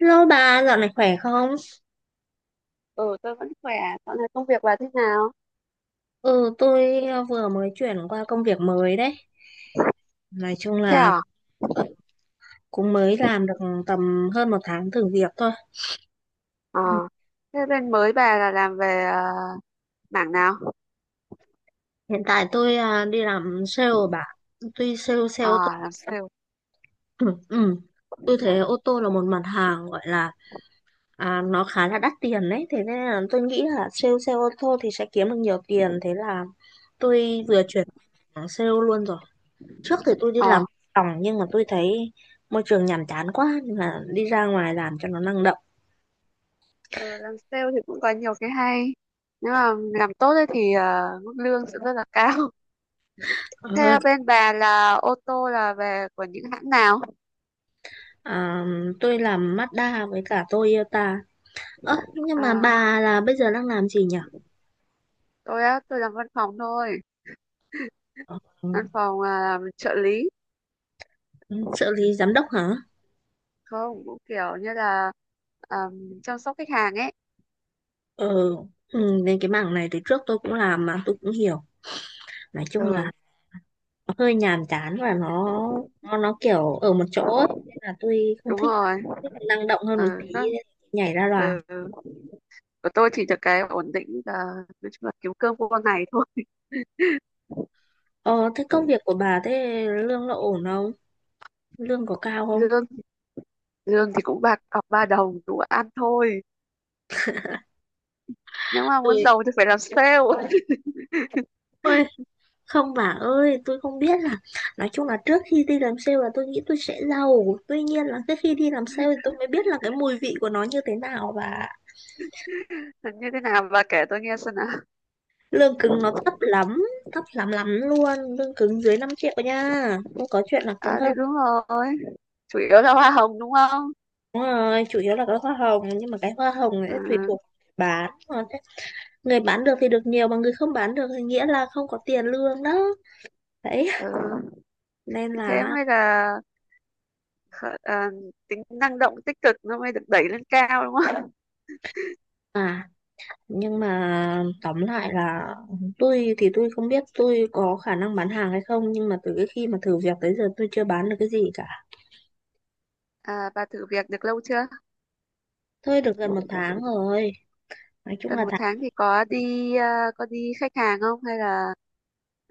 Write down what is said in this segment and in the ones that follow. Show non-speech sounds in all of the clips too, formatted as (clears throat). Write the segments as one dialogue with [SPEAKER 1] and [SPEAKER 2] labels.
[SPEAKER 1] Hello bà, dạo này khỏe không?
[SPEAKER 2] Ừ, tôi vẫn khỏe. Dạo này công việc bà thế nào?
[SPEAKER 1] Ừ, tôi vừa mới chuyển qua công việc mới đấy. Nói chung
[SPEAKER 2] Thế
[SPEAKER 1] là
[SPEAKER 2] à?
[SPEAKER 1] cũng mới làm được tầm hơn một tháng thử việc thôi.
[SPEAKER 2] Ờ.
[SPEAKER 1] Ừ,
[SPEAKER 2] Thế bên mới bà là làm về mảng nào?
[SPEAKER 1] hiện tại tôi đi làm sale bà. Tuy sale xe ô tô.
[SPEAKER 2] À, làm sale.
[SPEAKER 1] (clears throat) Ừ, ừ. Tôi thấy ô tô là một mặt hàng gọi là nó khá là đắt tiền đấy. Thế nên là tôi nghĩ là sale xe ô tô thì sẽ kiếm được nhiều tiền. Thế là tôi vừa chuyển sang sale luôn rồi. Trước thì tôi đi làm
[SPEAKER 2] Ờ.
[SPEAKER 1] phòng, nhưng mà tôi thấy môi trường nhàm chán quá nên là đi ra ngoài làm cho nó năng động
[SPEAKER 2] Ừ, làm sale thì cũng có nhiều cái hay. Nếu mà làm tốt ấy thì mức lương sẽ rất là cao. (laughs)
[SPEAKER 1] hơn.
[SPEAKER 2] Thế bên bà là ô tô là về của những hãng nào?
[SPEAKER 1] À, tôi làm Mazda với cả Toyota. Ơ, nhưng mà
[SPEAKER 2] À,
[SPEAKER 1] bà là bây giờ đang làm gì nhỉ?
[SPEAKER 2] tôi làm văn phòng thôi.
[SPEAKER 1] Ờ,
[SPEAKER 2] Văn phòng làm trợ lý.
[SPEAKER 1] trợ lý giám đốc hả?
[SPEAKER 2] Không, cũng kiểu như là ờ, chăm sóc khách hàng ấy.
[SPEAKER 1] Ờ, ừ, nên cái mảng này từ trước tôi cũng làm mà tôi cũng hiểu. Nói chung
[SPEAKER 2] Ừ,
[SPEAKER 1] là nó hơi nhàm chán và nó kiểu ở một chỗ ấy. Nên là tôi không
[SPEAKER 2] đúng
[SPEAKER 1] thích,
[SPEAKER 2] rồi.
[SPEAKER 1] thích năng động hơn
[SPEAKER 2] Ừ,
[SPEAKER 1] một tí
[SPEAKER 2] nó,
[SPEAKER 1] nên nhảy ra làm.
[SPEAKER 2] ừ. Của tôi thì được cái ổn định là nói chung là kiếm cơm qua ngày thôi.
[SPEAKER 1] Ờ, thế công việc của bà thế lương nó ổn không? Lương có cao không?
[SPEAKER 2] Lương lương thì cũng bạc cọc ba đồng đủ ăn thôi, nếu mà muốn
[SPEAKER 1] Tôi
[SPEAKER 2] giàu thì phải làm sale.
[SPEAKER 1] ơi, không bà ơi, tôi không biết là, nói chung là trước khi đi làm sale là tôi nghĩ tôi sẽ giàu, tuy nhiên là cái khi đi làm sale thì tôi mới biết là cái mùi vị của nó như thế nào. Và
[SPEAKER 2] (laughs) Như thế nào, bà kể tôi nghe xem nào.
[SPEAKER 1] lương cứng nó thấp lắm, thấp lắm lắm luôn, lương cứng dưới 5 triệu nha, không có chuyện là cứng
[SPEAKER 2] À thì
[SPEAKER 1] hơn.
[SPEAKER 2] đúng rồi, chủ yếu là hoa hồng đúng không?
[SPEAKER 1] Đúng rồi, chủ yếu là cái hoa hồng, nhưng mà cái hoa hồng ấy tùy
[SPEAKER 2] À,
[SPEAKER 1] thuộc. bán Mà thế- Người bán được thì được nhiều, mà người không bán được thì nghĩa là không có tiền lương đó đấy.
[SPEAKER 2] ừ.
[SPEAKER 1] Nên
[SPEAKER 2] Thì thế
[SPEAKER 1] là
[SPEAKER 2] mới là khờ- à, tính năng động tích cực nó mới được đẩy lên cao đúng không?
[SPEAKER 1] à nhưng mà tóm lại là tôi thì tôi không biết tôi có khả năng bán hàng hay không, nhưng mà từ cái khi mà thử việc tới giờ tôi chưa bán được cái gì cả.
[SPEAKER 2] À, bà thử việc được lâu chưa?
[SPEAKER 1] Thôi được gần một tháng rồi, nói chung
[SPEAKER 2] Gần
[SPEAKER 1] là
[SPEAKER 2] một
[SPEAKER 1] tháng.
[SPEAKER 2] tháng thì có đi có đi khách hàng không hay là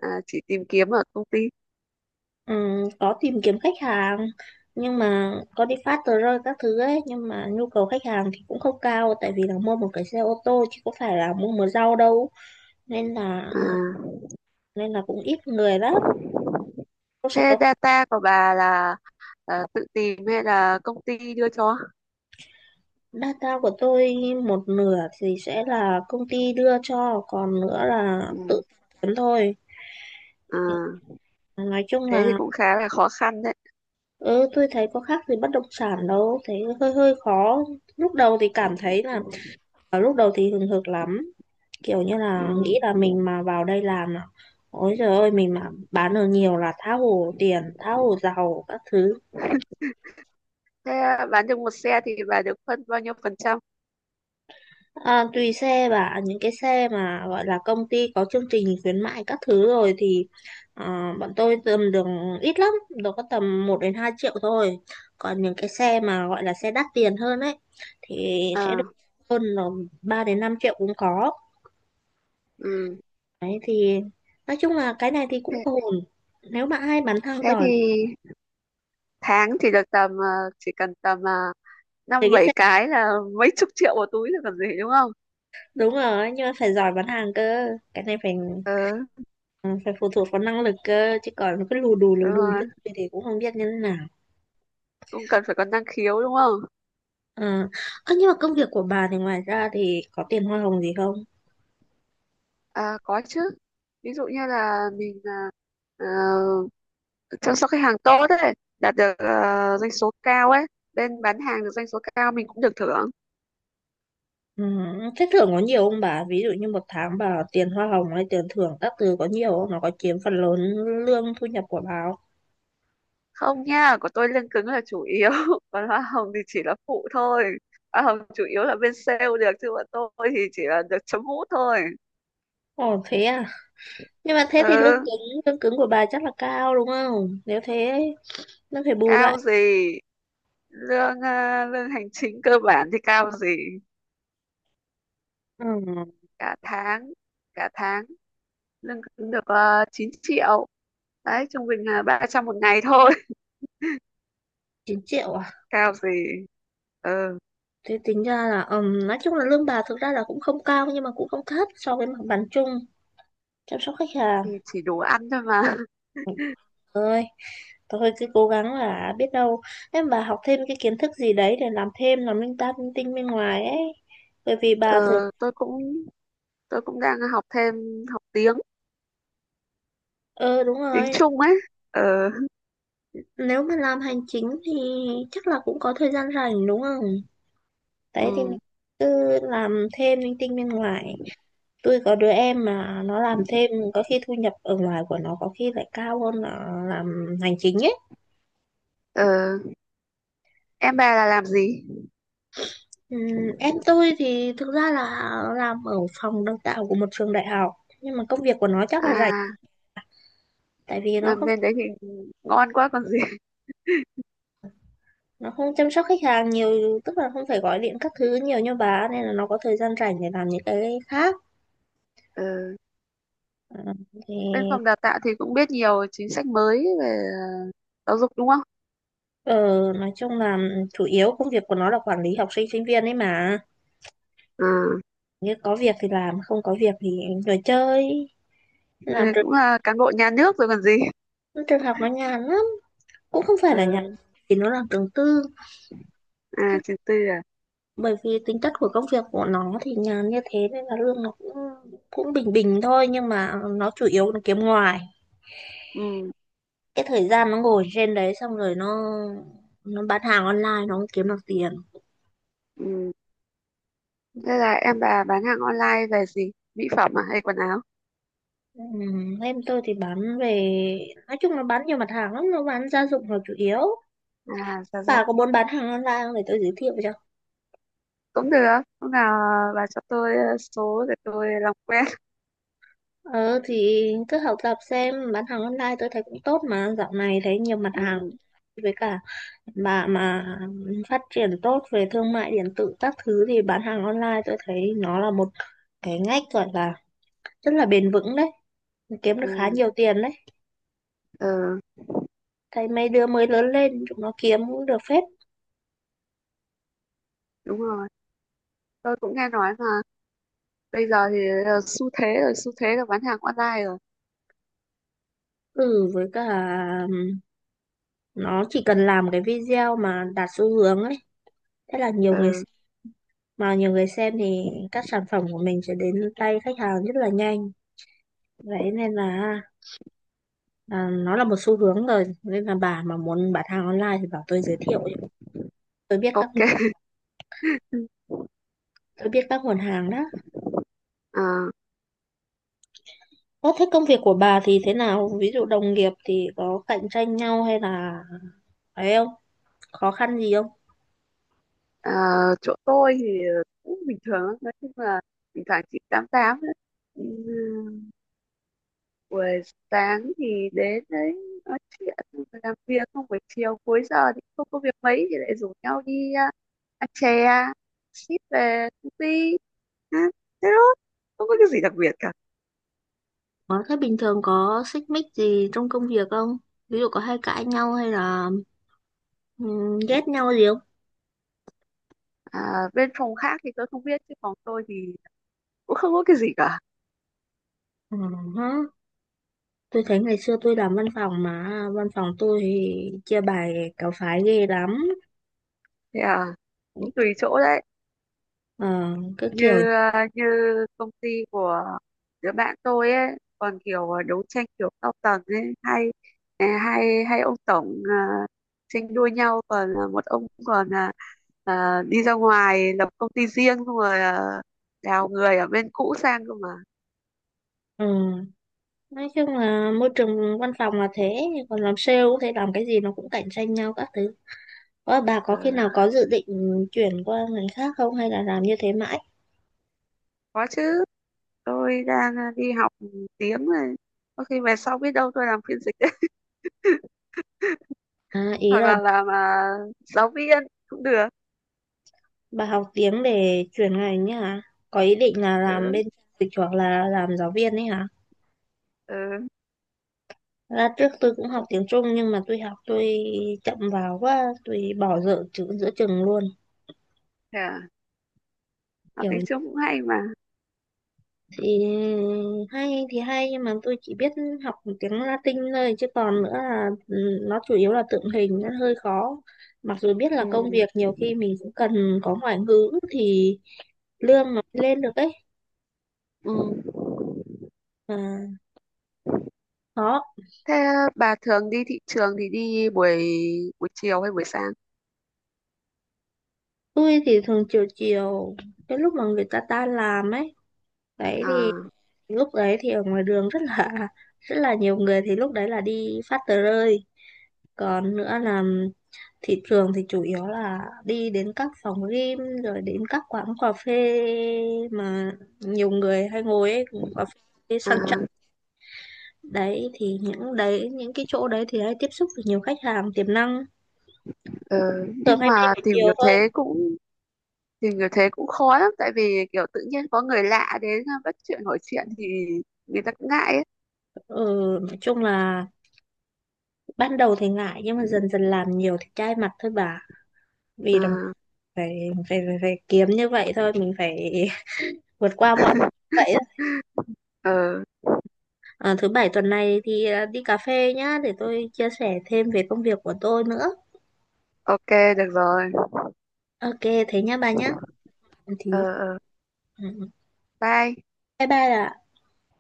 [SPEAKER 2] chỉ tìm kiếm ở công ty?
[SPEAKER 1] Có tìm kiếm khách hàng, nhưng mà có đi phát tờ rơi các thứ ấy, nhưng mà nhu cầu khách hàng thì cũng không cao, tại vì là mua một cái xe ô tô chứ có phải là mua một rau đâu. nên là
[SPEAKER 2] À.
[SPEAKER 1] nên là cũng ít người lắm. Tôi sẽ
[SPEAKER 2] Thế
[SPEAKER 1] có
[SPEAKER 2] data của bà là tự tìm hay là công ty đưa cho?
[SPEAKER 1] data của tôi, một nửa thì sẽ là công ty đưa cho, còn nữa là tự
[SPEAKER 2] Ừ.
[SPEAKER 1] kiếm thôi.
[SPEAKER 2] À,
[SPEAKER 1] Nói chung
[SPEAKER 2] thế thì
[SPEAKER 1] là
[SPEAKER 2] cũng khá là khó khăn đấy.
[SPEAKER 1] ừ, tôi thấy có khác gì bất động sản đâu, thấy hơi hơi khó. Lúc đầu thì cảm thấy là
[SPEAKER 2] Ừ.
[SPEAKER 1] ở lúc đầu thì hừng hực lắm, kiểu như là nghĩ
[SPEAKER 2] Ừ.
[SPEAKER 1] là mình mà vào đây làm là ôi trời ơi, mình mà bán được nhiều là tha hồ tiền, tha hồ giàu các thứ.
[SPEAKER 2] Thế à, bán được một xe thì bà được phân bao nhiêu phần trăm?
[SPEAKER 1] À, tùy xe bà, những cái xe mà gọi là công ty có chương trình khuyến mại các thứ rồi thì bọn tôi tầm được ít lắm, đâu có tầm 1 đến 2 triệu thôi. Còn những cái xe mà gọi là xe đắt tiền hơn ấy thì sẽ được
[SPEAKER 2] À,
[SPEAKER 1] hơn là 3 đến 5 triệu cũng có.
[SPEAKER 2] ừ.
[SPEAKER 1] Đấy thì nói chung là cái này thì cũng
[SPEAKER 2] Thế,
[SPEAKER 1] ổn, nếu bạn ai bán hàng
[SPEAKER 2] thế thì
[SPEAKER 1] giỏi
[SPEAKER 2] tháng thì được tầm chỉ cần tầm
[SPEAKER 1] thì
[SPEAKER 2] năm
[SPEAKER 1] cái
[SPEAKER 2] bảy
[SPEAKER 1] xe.
[SPEAKER 2] cái là mấy chục triệu một túi là còn gì đúng không?
[SPEAKER 1] Đúng rồi, nhưng mà phải giỏi bán hàng cơ, cái này phải
[SPEAKER 2] Ừ,
[SPEAKER 1] ừ, phải phụ thuộc vào năng lực cơ, chứ còn cứ lù
[SPEAKER 2] đúng
[SPEAKER 1] đù
[SPEAKER 2] rồi.
[SPEAKER 1] như tôi thì cũng không biết như thế nào.
[SPEAKER 2] Cũng cần phải có năng khiếu đúng không?
[SPEAKER 1] À, ơ, nhưng mà công việc của bà thì ngoài ra thì có tiền hoa hồng gì không?
[SPEAKER 2] À, có chứ. Ví dụ như là mình, ờ, chăm sóc khách hàng tốt ấy, đạt được doanh số cao ấy, bên bán hàng được doanh số cao mình cũng được thưởng.
[SPEAKER 1] Ừ, thế thưởng có nhiều không bà? Ví dụ như một tháng bà tiền hoa hồng hay tiền thưởng các thứ có nhiều không? Nó có chiếm phần lớn lương thu nhập của bà không?
[SPEAKER 2] Không nha, của tôi lương cứng là chủ yếu, (laughs) còn hoa hồng thì chỉ là phụ thôi. Hoa hồng chủ yếu là bên sale được chứ bọn tôi thì chỉ là được chấm mút thôi.
[SPEAKER 1] Ồ thế à? Nhưng mà thế thì
[SPEAKER 2] Ừ,
[SPEAKER 1] lương cứng của bà chắc là cao đúng không? Nếu thế nó phải bù
[SPEAKER 2] cao
[SPEAKER 1] lại.
[SPEAKER 2] gì. Lương lương hành chính cơ bản thì cao gì.
[SPEAKER 1] Ừ,
[SPEAKER 2] Cả tháng cả tháng lương cứng được 9 triệu, đấy trung bình là 300 một ngày thôi.
[SPEAKER 1] 9 triệu à?
[SPEAKER 2] (laughs) Cao gì. Ừ
[SPEAKER 1] Thế tính ra là nói chung là lương bà thực ra là cũng không cao, nhưng mà cũng không thấp so với mặt bằng chung chăm sóc khách hàng.
[SPEAKER 2] thì chỉ đủ ăn thôi mà. (laughs)
[SPEAKER 1] Ơi. Thôi cứ cố gắng là biết đâu, em bà học thêm cái kiến thức gì đấy để làm thêm, làm linh ta linh tinh bên ngoài ấy. Bởi vì
[SPEAKER 2] Ờ,
[SPEAKER 1] bà thường
[SPEAKER 2] tôi cũng tôi cũng đang học thêm, học tiếng
[SPEAKER 1] ờ đúng
[SPEAKER 2] tiếng
[SPEAKER 1] rồi,
[SPEAKER 2] Trung ấy. Ờ,
[SPEAKER 1] nếu mà làm hành chính thì chắc là cũng có thời gian rảnh đúng không? Đấy thì mình
[SPEAKER 2] ừ,
[SPEAKER 1] cứ làm thêm linh tinh bên ngoài. Tôi có đứa em mà nó làm thêm có khi thu nhập ở ngoài của nó có khi lại cao hơn là làm hành chính ấy.
[SPEAKER 2] ờ, em bà là làm gì?
[SPEAKER 1] Ừm, em tôi thì thực ra là làm ở phòng đào tạo của một trường đại học, nhưng mà công việc của nó chắc là rảnh,
[SPEAKER 2] À,
[SPEAKER 1] tại vì nó
[SPEAKER 2] làm
[SPEAKER 1] không
[SPEAKER 2] bên đấy thì ngon quá còn gì. (laughs)
[SPEAKER 1] nó không chăm sóc khách hàng nhiều, tức là không phải gọi điện các thứ nhiều như bà ấy, nên là nó có thời gian rảnh để làm những cái khác.
[SPEAKER 2] Ờ,
[SPEAKER 1] Ờ, thì
[SPEAKER 2] bên phòng đào tạo thì cũng biết nhiều chính sách mới về giáo dục đúng không?
[SPEAKER 1] ờ, nói chung là ừ, chủ yếu công việc của nó là quản lý học sinh sinh viên ấy mà,
[SPEAKER 2] Ờ,
[SPEAKER 1] như có việc thì làm, không có việc thì ngồi chơi.
[SPEAKER 2] thì
[SPEAKER 1] Làm trường,
[SPEAKER 2] cũng là cán bộ nhà nước rồi còn gì. (laughs)
[SPEAKER 1] trường học nó nhàn lắm, cũng không phải
[SPEAKER 2] Ờ,
[SPEAKER 1] là nhàn, thì nó làm trường tư.
[SPEAKER 2] à trường tư à.
[SPEAKER 1] Bởi vì tính chất của công việc của nó thì nhàn như thế nên là lương nó cũng cũng bình bình thôi, nhưng mà nó chủ yếu là kiếm ngoài,
[SPEAKER 2] Ừ,
[SPEAKER 1] cái thời gian nó ngồi trên đấy xong rồi nó bán hàng online, nó không kiếm được tiền.
[SPEAKER 2] ừ. Thế là em bà bán hàng online về gì, mỹ phẩm à hay quần áo?
[SPEAKER 1] Ừ, em tôi thì bán về, nói chung nó bán nhiều mặt hàng lắm, nó bán gia dụng là chủ yếu.
[SPEAKER 2] À dạ rồi.
[SPEAKER 1] Bà có muốn bán hàng online không, để tôi giới thiệu cho.
[SPEAKER 2] Cũng được, hôm nào bà cho tôi số để tôi làm quen.
[SPEAKER 1] Ờ thì cứ học tập xem, bán hàng online tôi thấy cũng tốt mà, dạo này thấy nhiều mặt hàng.
[SPEAKER 2] Ừ,
[SPEAKER 1] Với cả bà mà phát triển tốt về thương mại điện tử các thứ thì bán hàng online tôi thấy nó là một cái ngách, gọi là rất là bền vững đấy, kiếm được khá
[SPEAKER 2] ừ,
[SPEAKER 1] nhiều tiền đấy.
[SPEAKER 2] ờ,
[SPEAKER 1] Thấy mấy đứa mới lớn lên chúng nó kiếm cũng được phết.
[SPEAKER 2] đúng rồi, tôi cũng nghe nói mà, bây giờ thì xu thế rồi, xu thế là bán hàng online rồi.
[SPEAKER 1] Ừ, với cả ừm, nó chỉ cần làm cái video mà đạt xu hướng ấy, thế là nhiều
[SPEAKER 2] Ờ,
[SPEAKER 1] người xem. Mà nhiều người xem thì các sản phẩm của mình sẽ đến tay khách hàng rất là nhanh. Vậy nên là nó là một xu hướng rồi, nên là bà mà muốn bán hàng online thì bảo tôi giới thiệu cho. tôi biết các
[SPEAKER 2] ok. (laughs)
[SPEAKER 1] tôi biết các nguồn hàng đó.
[SPEAKER 2] Ờ,
[SPEAKER 1] Ơ, thế công việc của bà thì thế nào, ví dụ đồng nghiệp thì có cạnh tranh nhau hay là ấy không, khó khăn gì không?
[SPEAKER 2] ờ, chỗ tôi thì cũng bình thường lắm. Nói chung là thỉnh thoảng chị tám tám ấy. Ừ, buổi sáng thì đến đấy nói chuyện xong rồi làm việc không, buổi chiều cuối giờ thì không có việc mấy thì lại rủ nhau đi ăn chè ship về công ty, à, thế thôi, không có cái gì đặc biệt cả.
[SPEAKER 1] Ờ, thế bình thường có xích mích gì trong công việc không? Ví dụ có hay cãi nhau hay là ghét nhau gì không?
[SPEAKER 2] À, bên phòng khác thì tôi không biết chứ phòng tôi thì cũng không có cái gì cả.
[SPEAKER 1] Ừ, hả? Tôi thấy ngày xưa tôi làm văn phòng mà văn phòng tôi thì chia bài cáo phái ghê lắm.
[SPEAKER 2] Thế à, cũng tùy chỗ đấy.
[SPEAKER 1] Ờ, cứ kiểu
[SPEAKER 2] Như như công ty của đứa bạn tôi ấy, còn kiểu đấu tranh kiểu cao tầng ấy, hay ờ, hay hay ông tổng tranh đua nhau, còn một ông còn đi ra ngoài lập công ty riêng xong rồi đào người ở bên cũ sang cơ mà.
[SPEAKER 1] ừ. Nói chung là môi trường văn phòng là thế, còn làm sale cũng thế, làm cái gì nó cũng cạnh tranh nhau các thứ. Ờ, bà
[SPEAKER 2] Ờ,
[SPEAKER 1] có khi nào có dự định chuyển qua ngành khác không, hay là làm như thế mãi?
[SPEAKER 2] có chứ, tôi đang đi học tiếng này, có khi về sau biết đâu tôi làm phiên dịch. (laughs)
[SPEAKER 1] À, ý
[SPEAKER 2] Hoặc
[SPEAKER 1] là
[SPEAKER 2] là làm giáo viên cũng được.
[SPEAKER 1] bà học tiếng để chuyển ngành ấy hả? Có ý định là làm
[SPEAKER 2] Ừ,
[SPEAKER 1] bên dịch hoặc là làm giáo viên ấy hả?
[SPEAKER 2] ừ.
[SPEAKER 1] Ra trước tôi cũng học tiếng Trung, nhưng mà tôi học tôi chậm vào quá, tôi bỏ dở chữ giữa chừng luôn.
[SPEAKER 2] Thế à? Học
[SPEAKER 1] Kiểu
[SPEAKER 2] tiếng Trung cũng hay mà.
[SPEAKER 1] thì hay thì hay, nhưng mà tôi chỉ biết học tiếng Latin thôi, chứ còn nữa là ừ, nó chủ yếu là tượng hình, nó hơi khó. Mặc dù biết là công
[SPEAKER 2] Ừ,
[SPEAKER 1] việc nhiều khi mình cũng cần có ngoại ngữ thì lương nó mới lên được ấy.
[SPEAKER 2] ừ.
[SPEAKER 1] Mà khó.
[SPEAKER 2] Thế bà thường đi thị trường thì đi buổi buổi chiều hay buổi sáng?
[SPEAKER 1] Tôi thì thường chiều chiều, cái lúc mà người ta tan làm ấy đấy thì,
[SPEAKER 2] À,
[SPEAKER 1] lúc đấy thì ở ngoài đường rất là (laughs) rất là nhiều người, thì lúc đấy là đi phát tờ rơi. Còn nữa là thị trường thì chủ yếu là đi đến các phòng gym rồi đến các quán cà phê mà nhiều người hay ngồi ấy, cà phê sang trọng.
[SPEAKER 2] à,
[SPEAKER 1] Đấy thì những cái chỗ đấy thì hay tiếp xúc được nhiều khách hàng tiềm năng,
[SPEAKER 2] ờ,
[SPEAKER 1] thường
[SPEAKER 2] nhưng
[SPEAKER 1] hay đi
[SPEAKER 2] mà
[SPEAKER 1] buổi chiều thôi.
[SPEAKER 2] tìm hiểu thế cũng khó lắm, tại vì kiểu tự nhiên có người lạ đến bắt chuyện hỏi chuyện thì người ta cũng ngại ấy.
[SPEAKER 1] Ừ, nói chung là ban đầu thì ngại, nhưng mà dần dần làm nhiều thì chai mặt thôi bà. Vì đồng
[SPEAKER 2] À,
[SPEAKER 1] phải kiếm như vậy thôi, mình phải (laughs) vượt qua mọi vậy.
[SPEAKER 2] (laughs) ờ,
[SPEAKER 1] À, thứ bảy tuần này thì đi cà phê nhá để tôi chia sẻ thêm về công việc của tôi nữa.
[SPEAKER 2] ok, được rồi.
[SPEAKER 1] Ok, thế nhá bà nhá. Ừ,
[SPEAKER 2] Ờ,
[SPEAKER 1] thì
[SPEAKER 2] ờ,
[SPEAKER 1] ừ,
[SPEAKER 2] bye.
[SPEAKER 1] bye bye ạ.